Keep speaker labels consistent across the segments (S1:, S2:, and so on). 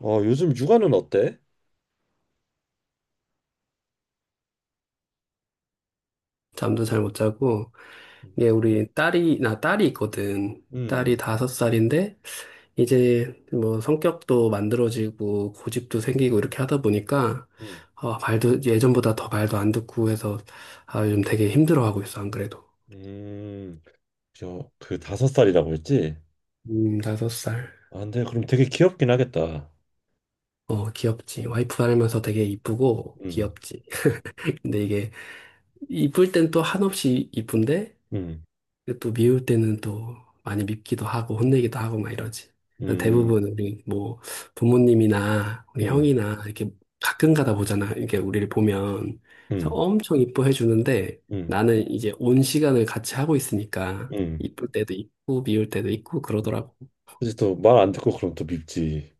S1: 어, 요즘 육아는 어때?
S2: 잠도 잘 못 자고 이게 우리 딸이 있거든. 딸이
S1: 음,
S2: 5살인데 이제 뭐 성격도 만들어지고 고집도 생기고 이렇게 하다 보니까
S1: 음,
S2: 말도 예전보다 더 말도 안 듣고 해서 요즘 되게 힘들어하고 있어 안 그래도.
S1: 음. 저, 그 다섯 살이라고 했지?
S2: 5살.
S1: 아, 근데 그럼 되게 귀엽긴 하겠다.
S2: 어, 귀엽지. 와이프 닮면서 되게 이쁘고
S1: 음,
S2: 귀엽지. 근데 이게 이쁠 땐 또 한없이 이쁜데
S1: 음,
S2: 근데 또 미울 때는 또 많이 밉기도 하고 혼내기도 하고 막 이러지. 그래서
S1: 음,
S2: 대부분 우리 뭐 부모님이나 우리
S1: 음,
S2: 형이나 이렇게 가끔 가다 보잖아. 이렇게 우리를 보면 그래서
S1: 음,
S2: 엄청 이뻐해 주는데
S1: 음,
S2: 나는 이제 온 시간을 같이 하고 있으니까
S1: 음.
S2: 이쁠 때도 있고 미울 때도 있고 그러더라고.
S1: 그치, 또말 안 듣고 그럼 또 밉지.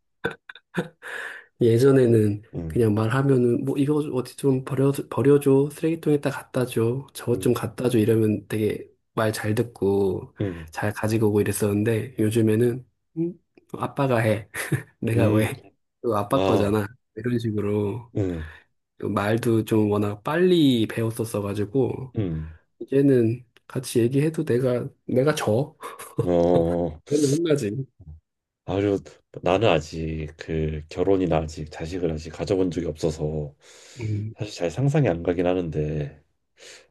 S2: 예전에는
S1: 음,
S2: 그냥 말하면은 뭐 이거 어디 좀 버려줘 쓰레기통에다 갖다 줘 저것 좀
S1: 음,
S2: 갖다 줘 이러면 되게 말 잘 듣고
S1: 음,
S2: 잘 가지고 오고 이랬었는데 요즘에는 음, 아빠가 해 내가
S1: 음,
S2: 왜 이거 아빠
S1: 아,
S2: 거잖아 이런 식으로
S1: 음,
S2: 말도 좀 워낙 빨리 배웠었어가지고
S1: 음.
S2: 이제는 같이 얘기해도 내가 져
S1: 어,
S2: 맨날 혼나지
S1: 아유, 나는 아직 그 결혼이나 아직 자식을 아직 가져본 적이 없어서
S2: 음,
S1: 사실 잘 상상이 안 가긴 하는데.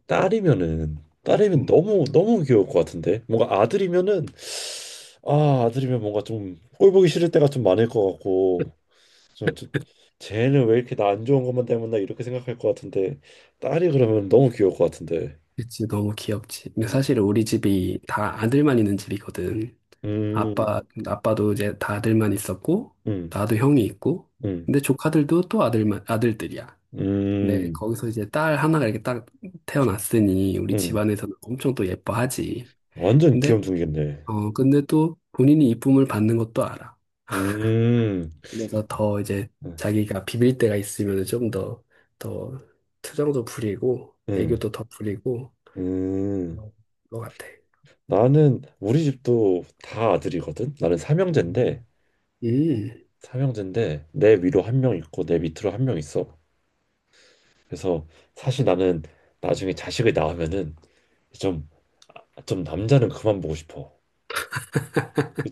S1: 딸이면은 딸이면
S2: 음.
S1: 너무 너무 귀여울 것 같은데 뭔가 아들이면은, 아들이면 뭔가 좀 꼴보기 싫을 때가 좀 많을 것 같고, 좀, 좀 쟤는 왜 이렇게 나 안 좋은 것만 때문나 이렇게 생각할 것 같은데, 딸이 그러면 너무 귀여울 것 같은데.
S2: 그치 너무 귀엽지 근데 사실 우리 집이 다 아들만 있는 집이거든 아빠도 이제 다 아들만 있었고, 나도 형이 있고,
S1: 음음음음음음.
S2: 근데 조카들도 또 아들들이야. 근데 거기서 이제 딸 하나가 이렇게 딱 태어났으니, 우리 집안에서는 엄청 또 예뻐하지.
S1: 완전
S2: 근데,
S1: 귀염둥이겠네.
S2: 근데 또 본인이 이쁨을 받는 것도 알아.
S1: 음,
S2: 그래서
S1: 아,
S2: 더 이제
S1: 음,
S2: 자기가 비빌 때가 있으면 좀 더 투정도 부리고,
S1: 음.
S2: 애교도 더 부리고,
S1: 음.
S2: 그런 것 같아.
S1: 나는 우리 집도 다 아들이거든. 나는 삼형제인데,
S2: 음. 음.
S1: 내 위로 한 명 있고 내 밑으로 한 명 있어. 그래서 사실 나는 나중에 자식을 낳으면은 좀, 남자는 그만 보고 싶어.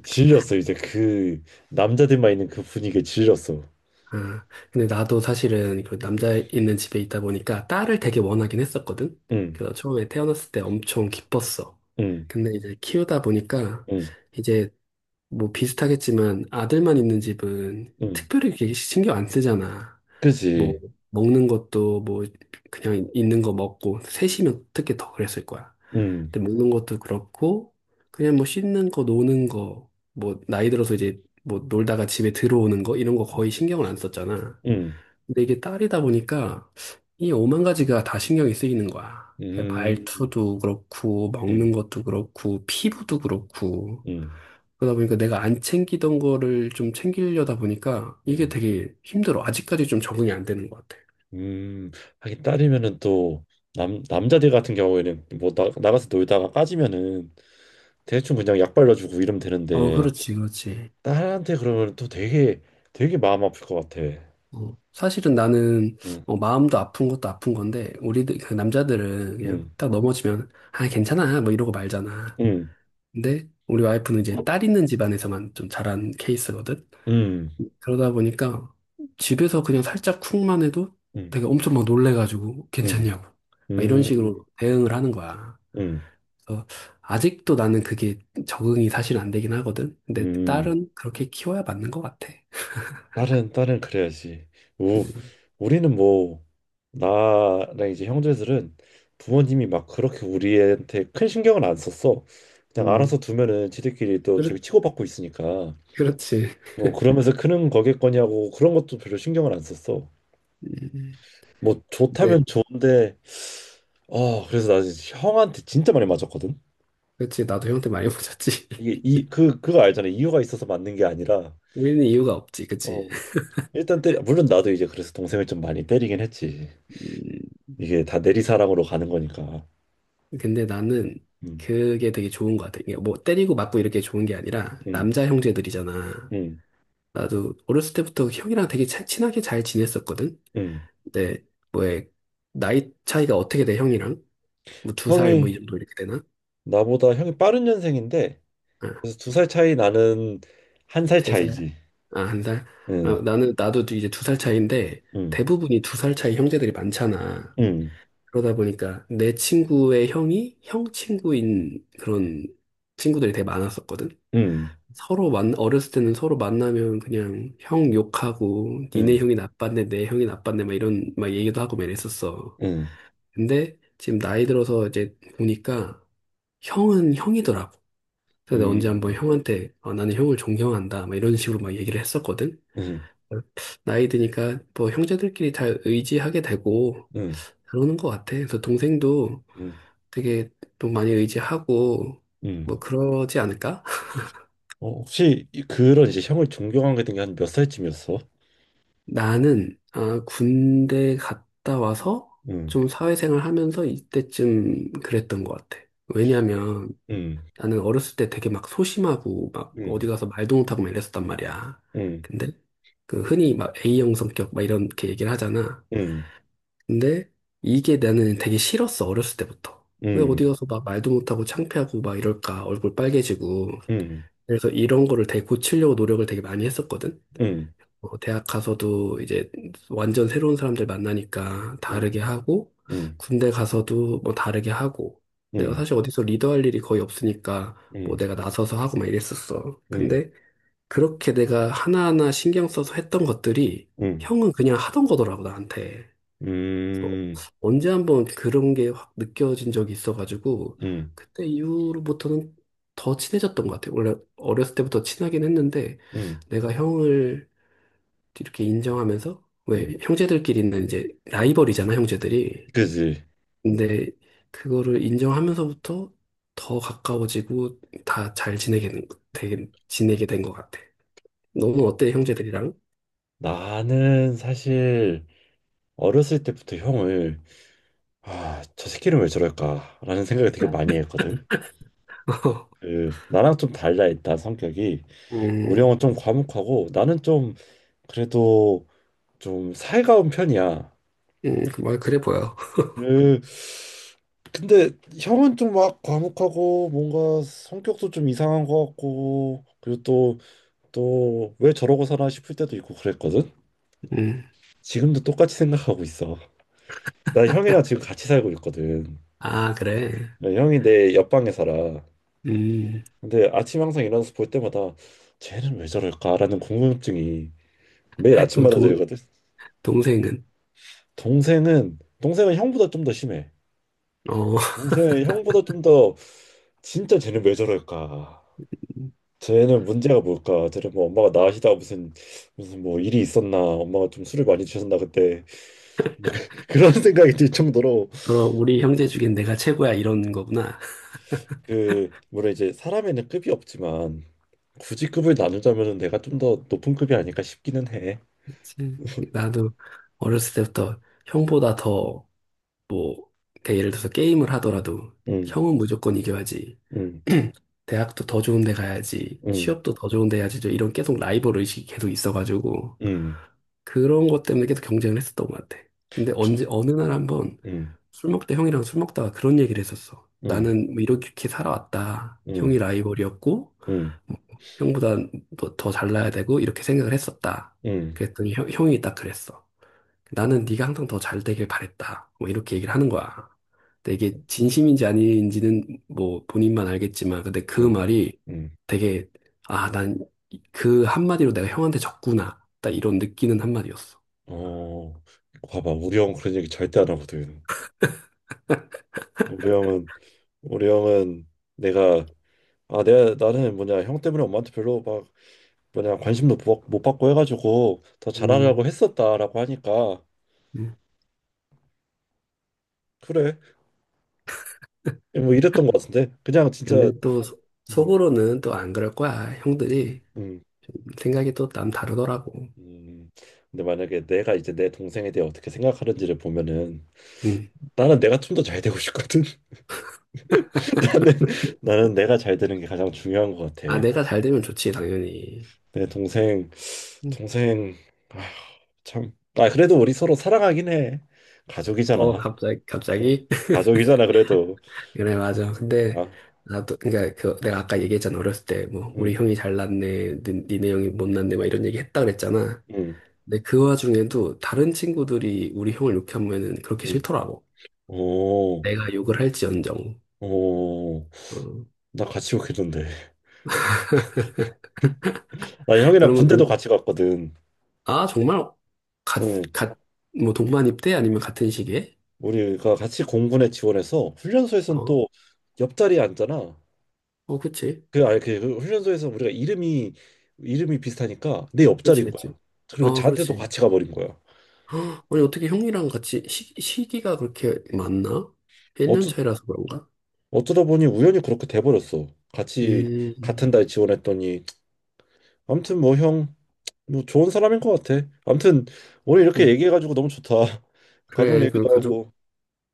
S1: 질렸어, 이제. 그 남자들만 있는 그 분위기에 질렸어.
S2: 아, 근데 나도 사실은 그 남자 있는 집에 있다 보니까 딸을 되게 원하긴 했었거든.
S1: 응,
S2: 그래서 처음에 태어났을 때 엄청 기뻤어.
S1: 응,
S2: 근데 이제 키우다 보니까
S1: 응,
S2: 이제 뭐 비슷하겠지만 아들만 있는 집은
S1: 응.
S2: 특별히 이렇게 신경 안 쓰잖아. 뭐
S1: 그지.
S2: 먹는 것도 뭐 그냥 있는 거 먹고 셋이면 특히 더 그랬을 거야.
S1: 응,
S2: 근데 먹는 것도 그렇고 그냥 뭐 씻는 거 노는 거 뭐 나이 들어서 이제 뭐 놀다가 집에 들어오는 거 이런 거 거의 신경을 안 썼잖아.
S1: 응,
S2: 근데 이게 딸이다 보니까 이 오만 가지가 다 신경이 쓰이는 거야. 그냥
S1: 음,
S2: 말투도 그렇고
S1: 응,
S2: 먹는 것도 그렇고 피부도 그렇고
S1: 응,
S2: 그러다 보니까 내가 안 챙기던 거를 좀 챙기려다 보니까 이게
S1: 응.
S2: 되게 힘들어. 아직까지 좀 적응이 안 되는 것 같아.
S1: 음. 하긴 딸이면은 또, 남자들 같은 경우에는 뭐 나가서 놀다가 까지면은 대충 그냥 약 발라주고 이러면
S2: 어,
S1: 되는데,
S2: 그렇지, 그렇지.
S1: 딸한테 그러면 또 되게 되게 마음 아플 것 같아.
S2: 어, 사실은 나는
S1: 응,
S2: 마음도 아픈 것도 아픈 건데 우리들 그 남자들은 그냥
S1: 응,
S2: 딱 넘어지면 아 괜찮아 뭐 이러고 말잖아.
S1: 응,
S2: 근데 우리 와이프는 이제 딸 있는 집안에서만 좀 자란 케이스거든.
S1: 응,
S2: 그러다 보니까 집에서 그냥 살짝 쿵만 해도
S1: 응,
S2: 되게 엄청 막 놀래가지고
S1: 응,
S2: 괜찮냐고 막 이런
S1: 응,
S2: 식으로 대응을 하는 거야.
S1: 응,
S2: 그래서 아직도 나는 그게 적응이 사실 안 되긴 하거든. 근데
S1: 응.
S2: 딸은 그렇게 키워야 맞는 것 같아.
S1: 딸은 그래야지. 우 우리는 뭐 나랑 이제 형제들은 부모님이 막 그렇게 우리한테 큰 신경을 안 썼어. 그냥
S2: 음,
S1: 알아서 두면은 지들끼리 또
S2: 그렇,
S1: 저기 치고받고 있으니까.
S2: 그렇지.
S1: 어, 그러면서 크는 거겠거냐고, 그런 것도 별로 신경을 안 썼어.
S2: 음.
S1: 뭐
S2: 네.
S1: 좋다면 좋은데. 어, 그래서 나 진짜 형한테 진짜 많이 맞았거든.
S2: 그치, 나도 형한테 많이 맞았지.
S1: 이게 이 그거 알잖아, 이유가 있어서 맞는 게 아니라.
S2: 우리는 이유가 없지, 그치.
S1: 어, 일단 때 물론 나도 이제 그래서 동생을 좀 많이 때리긴 했지.
S2: 음,
S1: 이게 다 내리사랑으로 가는 거니까.
S2: 근데 나는 그게 되게 좋은 것 같아. 이게 뭐 때리고 맞고 이렇게 좋은 게 아니라 남자 형제들이잖아.
S1: 음음음음.
S2: 나도 어렸을 때부터 형이랑 되게 친하게 잘 지냈었거든. 근데 뭐에 나이 차이가 어떻게 돼, 형이랑? 뭐 두 살 뭐 이
S1: 형이
S2: 정도 이렇게 되나?
S1: 나보다 형이 빠른 년생인데,
S2: 아,
S1: 그래서 두 살 차이 나는, 한 살
S2: 3살?
S1: 차이지.
S2: 아, 1살? 아,
S1: 응,
S2: 나는 나도 이제 두 살 차이인데
S1: 응,
S2: 대부분이 두 살 차이 형제들이 많잖아.
S1: 응,
S2: 그러다 보니까 내 친구의 형이 형 친구인 그런 친구들이 되게 많았었거든.
S1: 응,
S2: 어렸을 때는 서로 만나면 그냥 형 욕하고
S1: 응,
S2: 니네 형이 나빴네, 내 형이 나빴네 막 이런 막 얘기도 하고 막 이랬었어.
S1: 응,
S2: 근데 지금 나이 들어서 이제 보니까 형은 형이더라고. 그래서 내가 언제 한번
S1: 응,
S2: 형한테 나는 형을 존경한다 막 이런 식으로 막 얘기를 했었거든.
S1: 응, 응,
S2: 나이 드니까 뭐 형제들끼리 다 의지하게 되고
S1: 응, 응.
S2: 그러는 것 같아. 그래서 동생도 되게 또 많이 의지하고 뭐 그러지 않을까?
S1: 어, 혹시 그런, 이제 형을 존경하게 된 게 한 몇 살쯤이었어?
S2: 나는 군대 갔다 와서
S1: 응,
S2: 좀 사회생활 하면서 이때쯤 그랬던 것 같아. 왜냐면
S1: 응,
S2: 나는 어렸을 때 되게 막 소심하고 막 어디
S1: 응,
S2: 가서 말도 못하고 막 이랬었단 말이야.
S1: 응,
S2: 근데 그 흔히 막 A형 성격 막 이렇게 얘기를 하잖아.
S1: 응,
S2: 근데 이게 나는 되게 싫었어, 어렸을 때부터. 왜
S1: 응,
S2: 어디 가서 막 말도 못하고 창피하고 막 이럴까, 얼굴 빨개지고.
S1: 응,
S2: 그래서 이런 거를 되게 고치려고 노력을 되게 많이 했었거든.
S1: 응,
S2: 대학 가서도 이제 완전 새로운 사람들 만나니까
S1: 응,
S2: 다르게 하고,
S1: 응,
S2: 군대 가서도 뭐 다르게 하고,
S1: 응,
S2: 내가
S1: 응,
S2: 사실 어디서 리더할 일이 거의 없으니까 뭐
S1: 응,
S2: 내가 나서서 하고 막 이랬었어.
S1: 응,
S2: 근데 그렇게 내가 하나하나 신경 써서 했던 것들이
S1: 응,
S2: 형은 그냥 하던 거더라고, 나한테. 어,
S1: 음,
S2: 언제 한번 그런 게 확 느껴진 적이 있어가지고
S1: 응,
S2: 그때 이후로부터는 더 친해졌던 것 같아요. 원래 어렸을 때부터 친하긴 했는데
S1: 응,
S2: 내가 형을 이렇게 인정하면서
S1: 응.
S2: 왜 형제들끼리는 이제 라이벌이잖아, 형제들이.
S1: 그지?
S2: 근데 그거를 인정하면서부터 더 가까워지고 다 잘 지내게 지내게 된 것 같아. 너는 어때, 형제들이랑?
S1: 나는 사실 어렸을 때부터 형을, 아, 저 새끼는 왜 저럴까라는 생각을 되게 많이 했거든. 그, 나랑 좀 달라, 일단 성격이. 우리 형은
S2: 음,
S1: 좀 과묵하고 나는 좀, 그래도 좀 살가운 편이야.
S2: 뭐 그래 보여.
S1: 그 근데 형은 좀 막 과묵하고 뭔가 성격도 좀 이상한 것 같고 그리고 또 왜 저러고 사나 싶을 때도 있고 그랬거든.
S2: 음,
S1: 지금도 똑같이 생각하고 있어. 나 형이랑 지금 같이 살고 있거든.
S2: 아, 그래.
S1: 나 형이 내 옆방에 살아.
S2: 음.
S1: 근데 아침 항상 일어나서 볼 때마다 쟤는 왜 저럴까라는 궁금증이 매일
S2: 또
S1: 아침마다 들거든.
S2: 동생은,
S1: 동생은 형보다 좀 더 심해.
S2: 어,
S1: 동생은 형보다 좀더, 진짜 쟤는 왜 저럴까? 쟤는 문제가 뭘까? 쟤는 뭐 엄마가 나으시다 무슨 뭐 일이 있었나? 엄마가 좀 술을 많이 드셨나 그때. 그런 생각이 들 정도로.
S2: 그럼 우리 형제 중엔 내가 최고야, 이러는 거구나.
S1: 그 물론 이제 사람에는 급이 없지만 굳이 급을 나누자면은 내가 좀 더 높은 급이 아닐까 싶기는 해.
S2: 그치. 나도 어렸을 때부터 형보다 더, 뭐, 그러니까 예를 들어서 게임을 하더라도
S1: 응,
S2: 형은 무조건 이겨야지.
S1: 응,
S2: 대학도 더 좋은 데 가야지,
S1: 응,
S2: 취업도 더 좋은 데 해야지, 저 이런 계속 라이벌 의식이 계속 있어가지고,
S1: 음,
S2: 그런 것 때문에 계속 경쟁을 했었던 것 같아. 근데 언제, 어느 날 한번
S1: 음,
S2: 형이랑 술 먹다가 그런 얘기를 했었어.
S1: 음,
S2: 나는 뭐 이렇게 살아왔다.
S1: 음,
S2: 형이 라이벌이었고,
S1: 음,
S2: 형보다 너 더 잘나야 되고 이렇게 생각을 했었다.
S1: 음,
S2: 그랬더니 형이 딱 그랬어. 나는 네가 항상 더 잘 되길 바랬다. 뭐 이렇게 얘기를 하는 거야. 근데 이게 진심인지 아닌지는 뭐 본인만 알겠지만 근데 그
S1: 음,
S2: 말이
S1: 음.
S2: 되게 난 그 한마디로 내가 형한테 졌구나. 딱 이런 느끼는 한마디였어.
S1: 어, 봐봐, 우리 형 그런 얘기 절대 안 하거든. 우리 형은 우리 형은 내가 아, 내가, 나는 뭐냐 형 때문에 엄마한테 별로 막 뭐냐 관심도 못 받고 해가지고 더
S2: 음,
S1: 잘하려고 했었다라고 하니까,
S2: 음.
S1: 그래 뭐 이랬던 것 같은데, 그냥 진짜.
S2: 근데 또
S1: 음,
S2: 속으로는 또 안 그럴 거야. 형들이
S1: 음,
S2: 생각이 또 남 다르더라고.
S1: 음. 근데 만약에 내가 이제 내 동생에 대해 어떻게 생각하는지를 보면은,
S2: 음.
S1: 나는 내가 좀 더 잘 되고 싶거든. 나는 나는 내가 잘 되는 게 가장 중요한 것 같아.
S2: 내가 잘 되면 좋지, 당연히.
S1: 내 동생, 동생 아, 참, 아, 그래도 우리 서로 사랑하긴 해. 가족이잖아. 어,
S2: 갑자기?
S1: 가족이잖아 그래도.
S2: 그래, 맞아. 근데,
S1: 아.
S2: 나도, 그니까, 내가 아까 얘기했잖아. 어렸을 때, 뭐, 우리
S1: 음,
S2: 형이 잘났네, 니네 형이 못났네, 막 이런 얘기 했다 그랬잖아.
S1: 응,
S2: 근데 그 와중에도 다른 친구들이 우리 형을 욕하면은 그렇게
S1: 응.
S2: 싫더라고.
S1: 오,
S2: 내가 욕을 할지언정.
S1: 오.
S2: 어.
S1: 나 같이 욕했는데. 나 형이랑
S2: 그러면
S1: 군대도 같이 갔거든.
S2: 정말, 갓,
S1: 응.
S2: 갓, 뭐, 동반입 대 아니면 같은 시기에?
S1: 우리가 같이 공군에 지원해서 훈련소에선
S2: 어,
S1: 또 옆자리에 앉잖아.
S2: 어, 그치.
S1: 그, 아니, 그 훈련소에서 우리가 이름이 비슷하니까 내
S2: 그치,
S1: 옆자리인
S2: 그치.
S1: 거야. 그리고
S2: 아,
S1: 자대도
S2: 그렇지.
S1: 같이 가버린 거야.
S2: 아니, 어떻게 형이랑 같이 시기가 그렇게 많나? 1년
S1: 어쩌
S2: 차이라서 그런가?
S1: 어쩌다 보니 우연히 그렇게 돼버렸어. 같이
S2: 음,
S1: 같은 달 지원했더니, 아무튼 뭐 형, 뭐 좋은 사람인 것 같아. 아무튼 오늘 이렇게
S2: 음.
S1: 얘기해가지고 너무 좋다. 가족
S2: 그래, 그
S1: 얘기도
S2: 가족,
S1: 하고.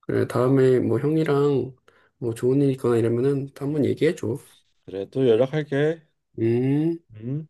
S2: 그래, 다음에 뭐 형이랑 뭐 좋은 일 있거나 이러면은 또
S1: 음.
S2: 한번 얘기해줘.
S1: 그래, 또 연락할게.
S2: 음.
S1: 응?